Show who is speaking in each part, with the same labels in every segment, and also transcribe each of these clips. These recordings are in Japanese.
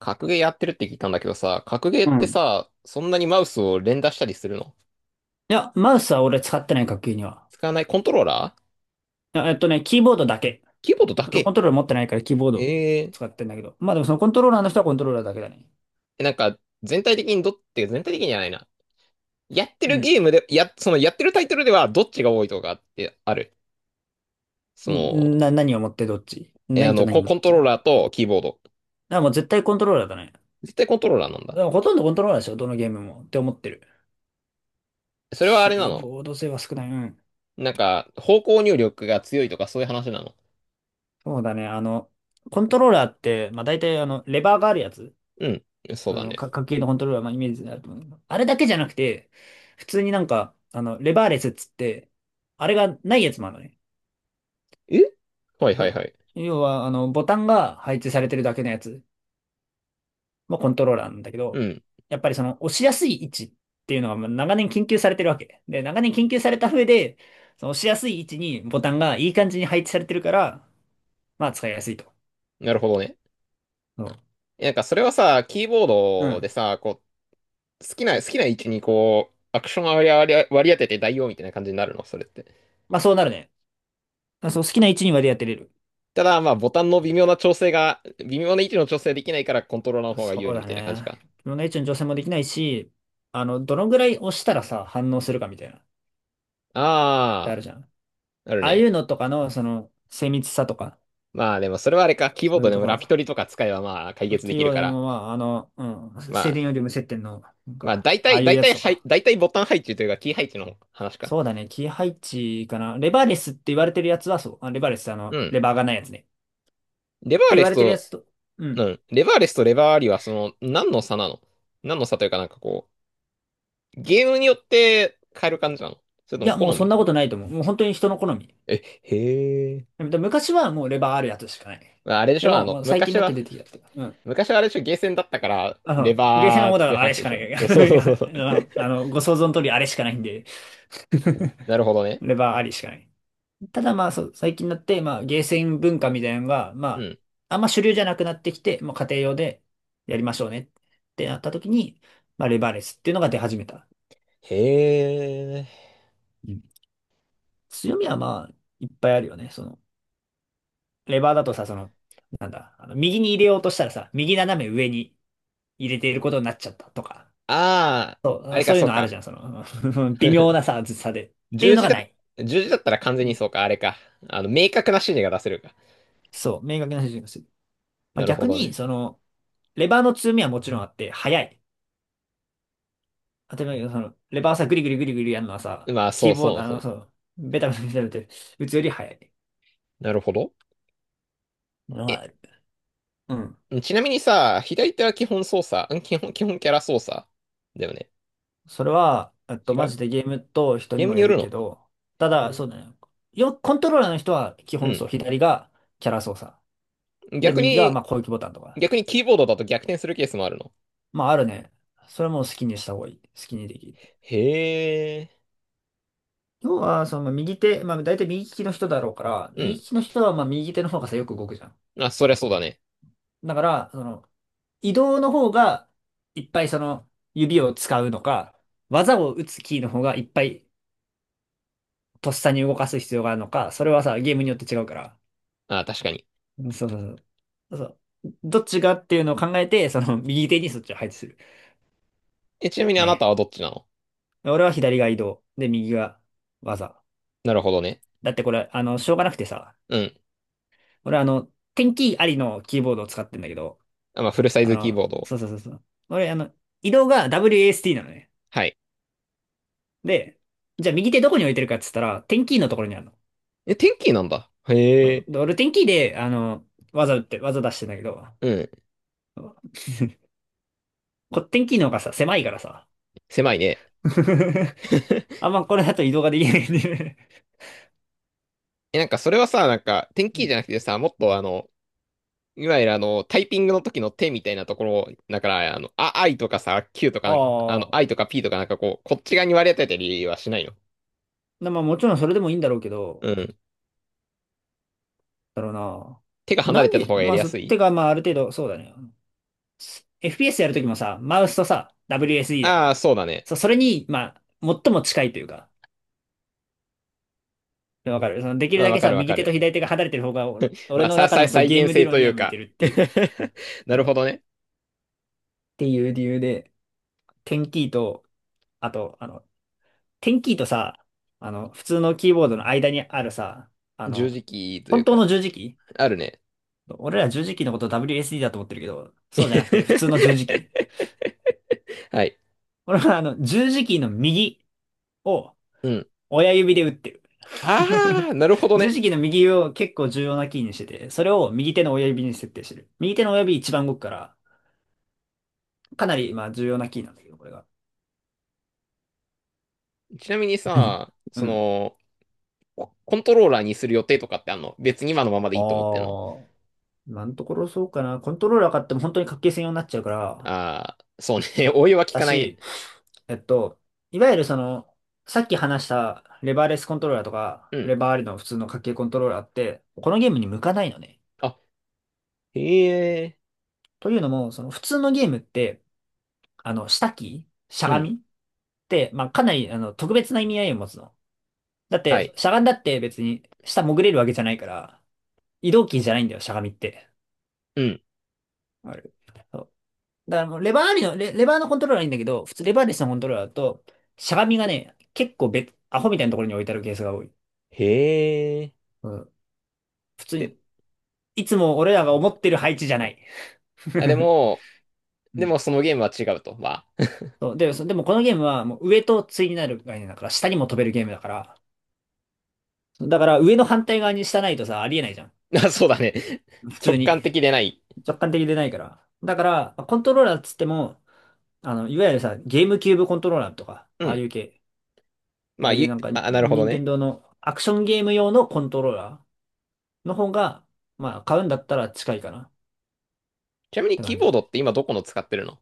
Speaker 1: 格ゲーやってるって聞いたんだけどさ、格ゲーっ
Speaker 2: う
Speaker 1: て
Speaker 2: ん。
Speaker 1: さ、そんなにマウスを連打したりするの？
Speaker 2: いや、マウスは俺使ってない、学級には。
Speaker 1: 使わないコントローラー？
Speaker 2: いやキーボードだけ。
Speaker 1: キーボードだ
Speaker 2: 俺コ
Speaker 1: け？
Speaker 2: ントローラー持ってないからキーボード
Speaker 1: えー、
Speaker 2: 使ってんだけど。まあでもそのコントローラーの人はコントローラーだけだね。
Speaker 1: えなんか、全体的にどって全体的にじゃないな。やって
Speaker 2: う
Speaker 1: る
Speaker 2: ん。
Speaker 1: ゲームで、そのやってるタイトルではどっちが多いとかってある？その、
Speaker 2: 何を持ってどっち
Speaker 1: え、あ
Speaker 2: 何と
Speaker 1: の、
Speaker 2: 何
Speaker 1: コ、
Speaker 2: の
Speaker 1: コ
Speaker 2: ど
Speaker 1: ン
Speaker 2: っ
Speaker 1: ト
Speaker 2: ち
Speaker 1: ロー
Speaker 2: だか
Speaker 1: ラーとキーボード。
Speaker 2: らもう絶対コントローラーだね。
Speaker 1: 絶対コントローラーなんだ。
Speaker 2: でもほとんどコントローラーでしょ、どのゲームも。って思ってる。
Speaker 1: それはあ
Speaker 2: キ
Speaker 1: れな
Speaker 2: ー
Speaker 1: の？
Speaker 2: ボード性は少ない。うん。
Speaker 1: なんか、方向入力が強いとかそういう話なの？
Speaker 2: そうだね。コントローラーって、まあ大体レバーがあるやつ。
Speaker 1: うん、そうだね。
Speaker 2: 家計のコントローラー、まあ、イメージになると思う。あれだけじゃなくて、普通になんか、レバーレスっつって、あれがないやつもあるのね。
Speaker 1: えはい
Speaker 2: そ
Speaker 1: はい
Speaker 2: う。
Speaker 1: はい。
Speaker 2: 要は、ボタンが配置されてるだけのやつもコントローラーなんだけ
Speaker 1: う
Speaker 2: ど、
Speaker 1: ん、
Speaker 2: やっぱりその、押しやすい位置っていうのがまあ長年研究されてるわけ。で、長年研究された上で、その押しやすい位置にボタンがいい感じに配置されてるから、まあ、使いやすいと。
Speaker 1: なるほどね。
Speaker 2: そう。
Speaker 1: えなんかそれはさ、キーボー
Speaker 2: う
Speaker 1: ドで
Speaker 2: ん。
Speaker 1: さ、好きな位置にこう、アクション割り当てて代用みたいな感じになるの、それって？
Speaker 2: まあ、そうなるね。あ、そう、好きな位置にまでやってれる。
Speaker 1: ただ、まあ、ボタンの微妙な調整が、微妙な位置の調整できないからコントローラーの方が有
Speaker 2: そう
Speaker 1: 利み
Speaker 2: だ
Speaker 1: たいな感じ
Speaker 2: ね。
Speaker 1: か。
Speaker 2: 自分が一応女性もできないし、どのぐらい押したらさ、反応するかみたいな、ってあ
Speaker 1: あ
Speaker 2: る
Speaker 1: あ、
Speaker 2: じゃん。
Speaker 1: ある
Speaker 2: ああいう
Speaker 1: ね。
Speaker 2: のとかの、その、精密さとか、
Speaker 1: まあ、でもそれはあれか、キーボー
Speaker 2: そうい
Speaker 1: ド
Speaker 2: う
Speaker 1: で
Speaker 2: と
Speaker 1: も
Speaker 2: こ
Speaker 1: ラ
Speaker 2: ろ。
Speaker 1: ピトリとか使えばまあ、解
Speaker 2: そういう
Speaker 1: 決
Speaker 2: キ
Speaker 1: で
Speaker 2: ー
Speaker 1: きる
Speaker 2: ワード
Speaker 1: か
Speaker 2: で
Speaker 1: ら。
Speaker 2: も、まあ、うん、
Speaker 1: ま
Speaker 2: 静電よ
Speaker 1: あ、
Speaker 2: り無接点の、なん
Speaker 1: まあ、
Speaker 2: か、
Speaker 1: 大
Speaker 2: ああ
Speaker 1: 体、
Speaker 2: いう
Speaker 1: 大
Speaker 2: やつ
Speaker 1: 体
Speaker 2: と
Speaker 1: 配、はい
Speaker 2: か。
Speaker 1: 大体ボタン配置というか、キー配置の話か。
Speaker 2: そうだね、キー配置かな。レバーレスって言われてるやつはそう。あ、レバーレスって
Speaker 1: うん。
Speaker 2: レバーがないやつね。って
Speaker 1: レバー
Speaker 2: 言
Speaker 1: レ
Speaker 2: わ
Speaker 1: ス
Speaker 2: れてるや
Speaker 1: と、
Speaker 2: つと、う
Speaker 1: う
Speaker 2: ん。
Speaker 1: ん。レバーレスとレバーありは、その、何の差なの？何の差というかなんかこう、ゲームによって変える感じなの？それと
Speaker 2: い
Speaker 1: も
Speaker 2: や、
Speaker 1: 好
Speaker 2: もうそ
Speaker 1: み
Speaker 2: ん
Speaker 1: な
Speaker 2: な
Speaker 1: の？
Speaker 2: ことないと思う。もう本当に人の好み。
Speaker 1: え、へえ。
Speaker 2: でも昔はもうレバーあるやつしかない。
Speaker 1: まああれでし
Speaker 2: で
Speaker 1: ょあ
Speaker 2: も、
Speaker 1: の、
Speaker 2: もう最近
Speaker 1: 昔
Speaker 2: になって
Speaker 1: は、
Speaker 2: 出てきたって。うん。
Speaker 1: 昔はあれでしょゲーセンだったから、レ
Speaker 2: ゲーセンは
Speaker 1: バー
Speaker 2: もう
Speaker 1: って
Speaker 2: あれ
Speaker 1: 話
Speaker 2: し
Speaker 1: で
Speaker 2: か
Speaker 1: し
Speaker 2: な
Speaker 1: ょ？
Speaker 2: い。
Speaker 1: そうそうそうそう。
Speaker 2: ご想像の通りあれしかないんで、
Speaker 1: なるほどね。
Speaker 2: レバーありしかない。ただまあそう、最近になって、まあゲーセン文化みたいなのが、ま
Speaker 1: うん。
Speaker 2: あ、あんま主流じゃなくなってきて、もう家庭用でやりましょうねってなった時に、まあレバーレスっていうのが出始めた。
Speaker 1: へえ。
Speaker 2: うん。強みはまあ、いっぱいあるよね。その、レバーだとさ、その、なんだ、右に入れようとしたらさ、右斜め上に入れていることになっちゃったとか。
Speaker 1: ああ、あ
Speaker 2: そう、
Speaker 1: れか、
Speaker 2: そういう
Speaker 1: そう
Speaker 2: のあるじ
Speaker 1: か。
Speaker 2: ゃん、その、微妙なさ、ずさで。っていう
Speaker 1: 十
Speaker 2: の
Speaker 1: 字
Speaker 2: が
Speaker 1: だ、
Speaker 2: ない。
Speaker 1: 十字だったら完全
Speaker 2: う
Speaker 1: に
Speaker 2: ん。
Speaker 1: そうか、あれか。あの、明確な指示が出せるか。
Speaker 2: そう、明確な指示がする。まあ、
Speaker 1: なるほ
Speaker 2: 逆
Speaker 1: ど
Speaker 2: に、
Speaker 1: ね。
Speaker 2: その、レバーの強みはもちろんあって、速い。当たり前だけど、その、レバーさ、グリグリグリグリやるのはさ、
Speaker 1: まあ、そ
Speaker 2: キー
Speaker 1: う
Speaker 2: ボー
Speaker 1: そ
Speaker 2: ド、
Speaker 1: うそう。
Speaker 2: そう、ベタベタベタベタ打つより速い
Speaker 1: なるほど。
Speaker 2: のが
Speaker 1: え、
Speaker 2: ある。うん。
Speaker 1: ちなみにさ、左手は基本キャラ操作だよね。
Speaker 2: それは、
Speaker 1: 違
Speaker 2: マ
Speaker 1: う
Speaker 2: ジでゲームと人に
Speaker 1: ゲーム
Speaker 2: も
Speaker 1: に
Speaker 2: よ
Speaker 1: よ
Speaker 2: る
Speaker 1: る
Speaker 2: け
Speaker 1: の？
Speaker 2: ど、ただ、そうだね。コントローラーの人は基
Speaker 1: う
Speaker 2: 本
Speaker 1: ん。
Speaker 2: そう、左がキャラ操作。で、
Speaker 1: 逆
Speaker 2: 右が、
Speaker 1: に、
Speaker 2: まあ、攻撃ボタンとか。
Speaker 1: 逆にキーボードだと逆転するケースもあるの？
Speaker 2: まあ、あるね。それも好きにした方がいい。好きにできる。
Speaker 1: へえ。
Speaker 2: 要は、その右手、まあ大体右利きの人だろうから、
Speaker 1: う
Speaker 2: 右利
Speaker 1: ん。
Speaker 2: きの人はまあ右手の方がさ、よく動くじゃん。
Speaker 1: あ、そりゃそうだね。
Speaker 2: だから、その、移動の方がいっぱいその指を使うのか、技を打つキーの方がいっぱいとっさに動かす必要があるのか、それはさ、ゲームによって違うから。
Speaker 1: あ、確かに。
Speaker 2: うん、そうそうそう。そう。どっちがっていうのを考えて、その右手にそっちを配置する。
Speaker 1: え、ちなみにあなた
Speaker 2: ね。
Speaker 1: はどっちなの？
Speaker 2: 俺は左が移動。で、右が技。
Speaker 1: なるほどね。
Speaker 2: だってこれ、しょうがなくてさ、
Speaker 1: うん。
Speaker 2: 俺テンキーありのキーボードを使ってんだけど、
Speaker 1: あ、まあ、フルサイズキーボード。
Speaker 2: そうそうそうそう。俺、移動が WASD なのね。
Speaker 1: はい。
Speaker 2: で、じゃあ右手どこに置いてるかっつったら、テンキーのところにあるの。
Speaker 1: え、テンキーなんだ。
Speaker 2: そ
Speaker 1: へ
Speaker 2: う。
Speaker 1: え。
Speaker 2: で、俺、テンキーで、技打って、技出してんだけど、
Speaker 1: うん。
Speaker 2: テンキーの方がさ、狭いからさ。
Speaker 1: 狭いね。
Speaker 2: あ んまこれだと移動ができないんで。
Speaker 1: え、なんかそれはさ、なんか、テン
Speaker 2: う
Speaker 1: キーじゃ
Speaker 2: ん。
Speaker 1: なくてさ、もっとあの、いわゆるあの、タイピングの時の手みたいなところ、だから、I とかさ、Q と
Speaker 2: あ
Speaker 1: か、あの、I
Speaker 2: あ。
Speaker 1: とか P とかなんかこう、こっち側に割り当てたりはしないの？
Speaker 2: まあもちろんそれでもいいんだろうけ
Speaker 1: う
Speaker 2: ど、
Speaker 1: ん。
Speaker 2: だろうな。
Speaker 1: 手が離
Speaker 2: な
Speaker 1: れ
Speaker 2: ん
Speaker 1: てた
Speaker 2: で、
Speaker 1: 方がや
Speaker 2: ま
Speaker 1: り
Speaker 2: あ
Speaker 1: やすい。
Speaker 2: てかまあある程度、そうだね。FPS やるときもさ、マウスとさ、WSD だか
Speaker 1: ああ、
Speaker 2: ら、
Speaker 1: そうだね。
Speaker 2: それに、まあ、最も近いというか、でわかる。その、できる
Speaker 1: まあ、
Speaker 2: だ
Speaker 1: わ
Speaker 2: け
Speaker 1: か
Speaker 2: さ、
Speaker 1: るわ
Speaker 2: 右
Speaker 1: か
Speaker 2: 手と
Speaker 1: る。
Speaker 2: 左手が離れてる方が、俺
Speaker 1: まあ、
Speaker 2: の
Speaker 1: さ、
Speaker 2: 中
Speaker 1: さ、
Speaker 2: のその
Speaker 1: 再
Speaker 2: ゲー
Speaker 1: 現
Speaker 2: ム理
Speaker 1: 性
Speaker 2: 論
Speaker 1: とい
Speaker 2: には
Speaker 1: う
Speaker 2: 向いて
Speaker 1: か。
Speaker 2: るっていう。
Speaker 1: な
Speaker 2: そ
Speaker 1: る
Speaker 2: う。
Speaker 1: ほどね。
Speaker 2: っていう理由で、テンキーと、あと、テンキーとさ、普通のキーボードの間にあるさ、あ
Speaker 1: 十
Speaker 2: の、
Speaker 1: 字キーという
Speaker 2: 本当
Speaker 1: か。
Speaker 2: の十字キ
Speaker 1: あるね。
Speaker 2: ー。俺ら十字キーのこと WSD だと思ってるけど、そうじゃなくて普通の十字キー。
Speaker 1: はい。
Speaker 2: 俺は十字キーの右を
Speaker 1: うん。
Speaker 2: 親指で打ってる。
Speaker 1: あ あ、なるほど
Speaker 2: 十
Speaker 1: ね。
Speaker 2: 字キーの右を結構重要なキーにしてて、それを右手の親指に設定してる。右手の親指一番動くから、かなり、まあ、重要なキーなんだけど、これが。
Speaker 1: ちなみに さ、
Speaker 2: う
Speaker 1: そ
Speaker 2: ん。
Speaker 1: の、コントローラーにする予定とかってあんの？別に今のままで
Speaker 2: あ
Speaker 1: いいと思ってんの？
Speaker 2: あ、今のところそうかな。コントローラー買っても本当に格ゲー専用になっちゃうから、
Speaker 1: ああー、そうね。お湯は効
Speaker 2: だ
Speaker 1: かないね。
Speaker 2: し、えっと、いわゆるその、さっき話したレバーレスコントローラーとか、
Speaker 1: う
Speaker 2: レ
Speaker 1: ん。
Speaker 2: バーありの普通の格ゲーコントローラーって、このゲームに向かないのね。
Speaker 1: あ、へえ。
Speaker 2: というのも、その普通のゲームって、下キーしゃ
Speaker 1: う
Speaker 2: が
Speaker 1: ん。
Speaker 2: みって、まあ、かなり、特別な意味合いを持つの。だっ
Speaker 1: は
Speaker 2: て、
Speaker 1: い。
Speaker 2: しゃがんだって別に下潜れるわけじゃないから、移動キーじゃないんだよ、しゃがみって。
Speaker 1: うん。
Speaker 2: ある。だからレバーありの、レバーのコントローラーはいいんだけど、普通レバーレスのコントローラーだと、しゃがみがね、結構別、アホみたいなところに置いてあるケースが多い。
Speaker 1: へえ。
Speaker 2: うん。普通
Speaker 1: で、
Speaker 2: に、いつも俺らが思ってる配置じゃない。
Speaker 1: あ、で も、
Speaker 2: う
Speaker 1: で
Speaker 2: ん、
Speaker 1: もそのゲームは違うと。まあ、
Speaker 2: そう。で、でもこのゲームはもう上と対になる概念だから、下にも飛べるゲームだから、だから上の反対側に下ないとさ、ありえないじゃん。
Speaker 1: あ、そうだね。
Speaker 2: 普
Speaker 1: 直
Speaker 2: 通に。
Speaker 1: 感的でない。
Speaker 2: 直感的でないから。だから、コントローラーっつっても、いわゆるさ、ゲームキューブコントローラーとか、
Speaker 1: う
Speaker 2: ああ
Speaker 1: ん。
Speaker 2: いう系。あ
Speaker 1: ま
Speaker 2: あ
Speaker 1: あ、
Speaker 2: いうなんか、
Speaker 1: なるほど
Speaker 2: 任天
Speaker 1: ね。
Speaker 2: 堂のアクションゲーム用のコントローラーの方が、まあ、買うんだったら近いかなっ
Speaker 1: ちなみに
Speaker 2: て
Speaker 1: キー
Speaker 2: 感
Speaker 1: ボー
Speaker 2: じ。
Speaker 1: ドって今どこの使ってるの？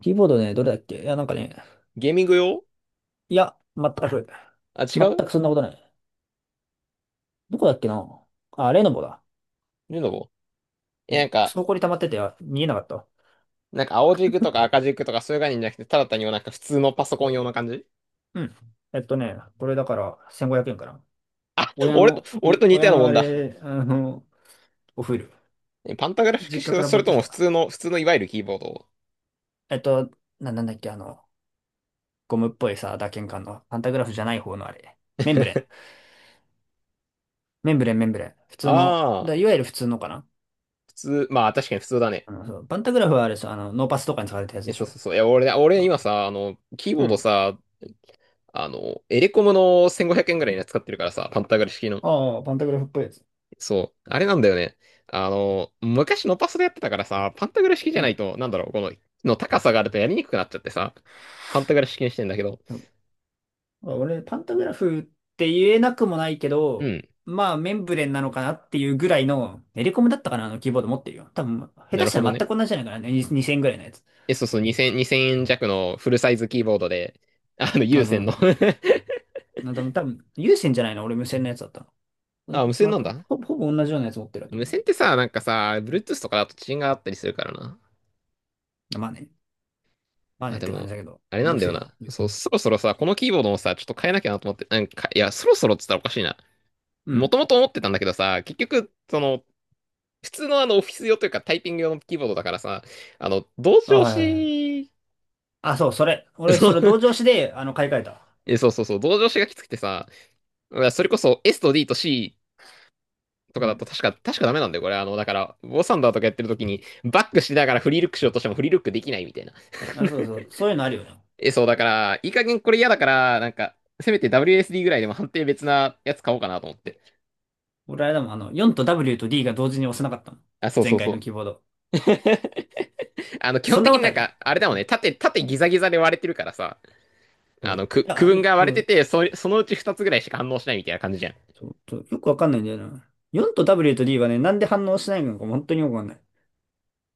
Speaker 2: キーボードね、どれだっけ。いや、なんかね、
Speaker 1: ゲーミング用？
Speaker 2: いや、全く、
Speaker 1: あ、違
Speaker 2: 全
Speaker 1: う？
Speaker 2: くそんなことない。どこだっけな。あ、レノボだ。
Speaker 1: ルノボ？え、なん
Speaker 2: ク
Speaker 1: か、
Speaker 2: ソこり溜まってて、あ、見えなかったわ。
Speaker 1: なんか青軸とか赤軸とかそういう概念じゃなくて、ただ単になんか普通のパソコン用の感じ？
Speaker 2: うん。これだから1500円かな。
Speaker 1: あ、
Speaker 2: 親
Speaker 1: 俺と、
Speaker 2: の、
Speaker 1: 俺
Speaker 2: い
Speaker 1: と似た
Speaker 2: 親
Speaker 1: ような
Speaker 2: の
Speaker 1: もん
Speaker 2: あ
Speaker 1: だ。
Speaker 2: れ、おフル。
Speaker 1: えパンタグラフ式、
Speaker 2: 実家から
Speaker 1: そ
Speaker 2: 持
Speaker 1: れ
Speaker 2: って
Speaker 1: と
Speaker 2: き
Speaker 1: も普
Speaker 2: た。
Speaker 1: 通の、普通のいわゆるキーボード？
Speaker 2: えっと、なんだっけ、ゴムっぽいさ、打鍵感の、パンタグラフじゃない方のあれ。メンブレン。メンブレン、メンブレン。普通の、
Speaker 1: ああ、
Speaker 2: いわゆる普通のかな。
Speaker 1: 普通、まあ確かに普通だね。
Speaker 2: そう、パンタグラフはあれですよ、ノーパスとかに使われたやつ
Speaker 1: え、
Speaker 2: でし
Speaker 1: そうそ
Speaker 2: ょ。
Speaker 1: うそう。いや、俺、
Speaker 2: そ
Speaker 1: 俺
Speaker 2: う、
Speaker 1: 今さ、あの、キーボ
Speaker 2: う
Speaker 1: ード
Speaker 2: ん。
Speaker 1: さ、あの、エレコムの1500円ぐらいのやつ使ってるからさ、パンタグラフ式の。
Speaker 2: ああ、パンタグラフっぽいやつ。
Speaker 1: そう。あれなんだよね。あの、昔のパソでやってたからさ、パンタグラ式じ
Speaker 2: う
Speaker 1: ゃない
Speaker 2: ん。
Speaker 1: と、なんだろう、この、の高さがあるとやりにくくなっちゃってさ、パンタグラ式にしてんだけど。
Speaker 2: うん、俺、パンタグラフって言えなくもないけ
Speaker 1: う
Speaker 2: ど、
Speaker 1: ん。
Speaker 2: まあ、メンブレンなのかなっていうぐらいの、エレコムだったかな、あのキーボード持ってるよ。多分、下
Speaker 1: な
Speaker 2: 手
Speaker 1: る
Speaker 2: し
Speaker 1: ほ
Speaker 2: た
Speaker 1: ど
Speaker 2: ら
Speaker 1: ね。
Speaker 2: 全く同じじゃないかな、ね、2000ぐらいのやつ。
Speaker 1: え、そうそう、2000、円弱のフルサイズキー
Speaker 2: う
Speaker 1: ボードで、あの、
Speaker 2: ん、
Speaker 1: 有
Speaker 2: あ、そ
Speaker 1: 線
Speaker 2: うそ
Speaker 1: の。
Speaker 2: う。多分、有線じゃないの、俺無線のやつだったの。ほん
Speaker 1: あ、
Speaker 2: と
Speaker 1: 無線
Speaker 2: ま
Speaker 1: なん
Speaker 2: あ、
Speaker 1: だ。
Speaker 2: ほぼ同じようなやつ持ってると
Speaker 1: 無
Speaker 2: 思う。
Speaker 1: 線ってさ、なんかさ、
Speaker 2: うん。
Speaker 1: Bluetooth とかだと遅延があったりするからな。
Speaker 2: まあね、まあ
Speaker 1: あ、
Speaker 2: ねっ
Speaker 1: で
Speaker 2: て感じ
Speaker 1: も、
Speaker 2: だけど、
Speaker 1: あれ
Speaker 2: めん
Speaker 1: な
Speaker 2: ど
Speaker 1: ん
Speaker 2: く
Speaker 1: だ
Speaker 2: せ
Speaker 1: よ
Speaker 2: えじゃん、
Speaker 1: な。
Speaker 2: 有
Speaker 1: そ
Speaker 2: 線。
Speaker 1: う、そろそろさ、このキーボードもさ、ちょっと変えなきゃなと思って、なんか、いや、そろそろって言ったらおかしいな。
Speaker 2: う
Speaker 1: も
Speaker 2: ん、
Speaker 1: ともと思ってたんだけどさ、結局、その、普通のあのオフィス用というかタイピング用のキーボードだからさ、あの、同
Speaker 2: あ、
Speaker 1: 調
Speaker 2: はいはいはい。
Speaker 1: 子。
Speaker 2: あ、そう、それ。
Speaker 1: そ
Speaker 2: 俺、それ
Speaker 1: う
Speaker 2: 同調子で、買い替えた。
Speaker 1: そう、同調子がきつくてさ、それこそ S と D と C とか
Speaker 2: う
Speaker 1: だ
Speaker 2: ん。
Speaker 1: と確かダメなんだよ、これ。あの、だから、ボサンダーとかやってる時に、バックしながらフリールックしようとしてもフリールックできないみたいな。
Speaker 2: あ、そうそう。そういうのあるよね。
Speaker 1: え、そう、だから、いい加減これ嫌だから、なんか、せめて WSD ぐらいでも判定別なやつ買おうかなと思って。
Speaker 2: 俺、あれだもん、4と W と D が同時に押せなかったの。
Speaker 1: あ、そうそ
Speaker 2: 前
Speaker 1: う
Speaker 2: 回の
Speaker 1: そ
Speaker 2: キーボード。
Speaker 1: う。あの、基
Speaker 2: そ
Speaker 1: 本
Speaker 2: んな
Speaker 1: 的
Speaker 2: こ
Speaker 1: に
Speaker 2: と
Speaker 1: な
Speaker 2: あ
Speaker 1: ん
Speaker 2: る？
Speaker 1: か、あれだもんね、縦ギザギザで割れてるからさ、
Speaker 2: そ
Speaker 1: あの、
Speaker 2: う。
Speaker 1: く、
Speaker 2: い
Speaker 1: 区
Speaker 2: や、
Speaker 1: 分が
Speaker 2: う
Speaker 1: 割れて
Speaker 2: ん、
Speaker 1: て、そのうち2つぐらいしか反応しないみたいな感じじゃん。
Speaker 2: そうそうそう、よくわかんないんだよな。4と W と D はね、なんで反応しないのか本当によくわかんない。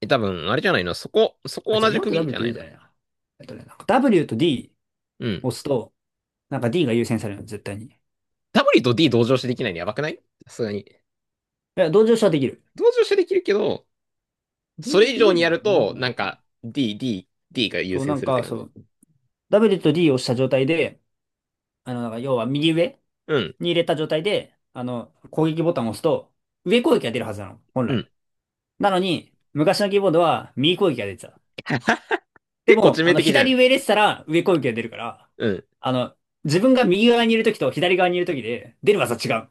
Speaker 1: え、多分、あれじゃないの？そ
Speaker 2: あ、
Speaker 1: こ
Speaker 2: じゃ
Speaker 1: 同
Speaker 2: あ
Speaker 1: じ
Speaker 2: 4
Speaker 1: 区
Speaker 2: と
Speaker 1: 切り
Speaker 2: W
Speaker 1: じゃ
Speaker 2: と
Speaker 1: ない
Speaker 2: D
Speaker 1: の？
Speaker 2: じゃないな。なんか W と D
Speaker 1: うん。
Speaker 2: 押すと、なんか D が優先されるの、絶対に。い
Speaker 1: W と D 同乗してできないのやばくない？さすがに。
Speaker 2: や、同情しはできる。
Speaker 1: 同乗してできるけど、
Speaker 2: 同
Speaker 1: そ
Speaker 2: 情
Speaker 1: れ
Speaker 2: し
Speaker 1: 以
Speaker 2: でき
Speaker 1: 上
Speaker 2: る
Speaker 1: に
Speaker 2: の
Speaker 1: や
Speaker 2: か
Speaker 1: る
Speaker 2: な。どこ
Speaker 1: と、
Speaker 2: かな。
Speaker 1: なんか、D が優
Speaker 2: そう、な
Speaker 1: 先
Speaker 2: ん
Speaker 1: するって
Speaker 2: か、
Speaker 1: 感
Speaker 2: そ
Speaker 1: じ。
Speaker 2: う、W と D を押した状態で、だから要は右上
Speaker 1: うん、
Speaker 2: に入れた状態で、攻撃ボタンを押すと、上攻撃が出るはずなの、本
Speaker 1: う
Speaker 2: 来。
Speaker 1: ん。
Speaker 2: なのに、昔のキーボードは右攻撃が出てた。で
Speaker 1: 結構
Speaker 2: も、
Speaker 1: 致命的じゃ
Speaker 2: 左
Speaker 1: ん。
Speaker 2: 上入れてたら上攻撃が出るから、
Speaker 1: うん。
Speaker 2: あの、自分が右側にいるときと左側にいるときで、出る技違う。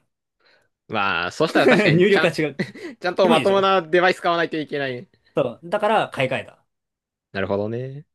Speaker 1: まあ、そし たら確かに、
Speaker 2: 入
Speaker 1: ち
Speaker 2: 力
Speaker 1: ゃ
Speaker 2: が
Speaker 1: ん、
Speaker 2: 違う。
Speaker 1: ちゃんと
Speaker 2: キモい
Speaker 1: ま
Speaker 2: で
Speaker 1: と
Speaker 2: し
Speaker 1: も
Speaker 2: ょ？
Speaker 1: なデバイス買わないといけないね。
Speaker 2: そう。だから、買い替えた。
Speaker 1: なるほどね。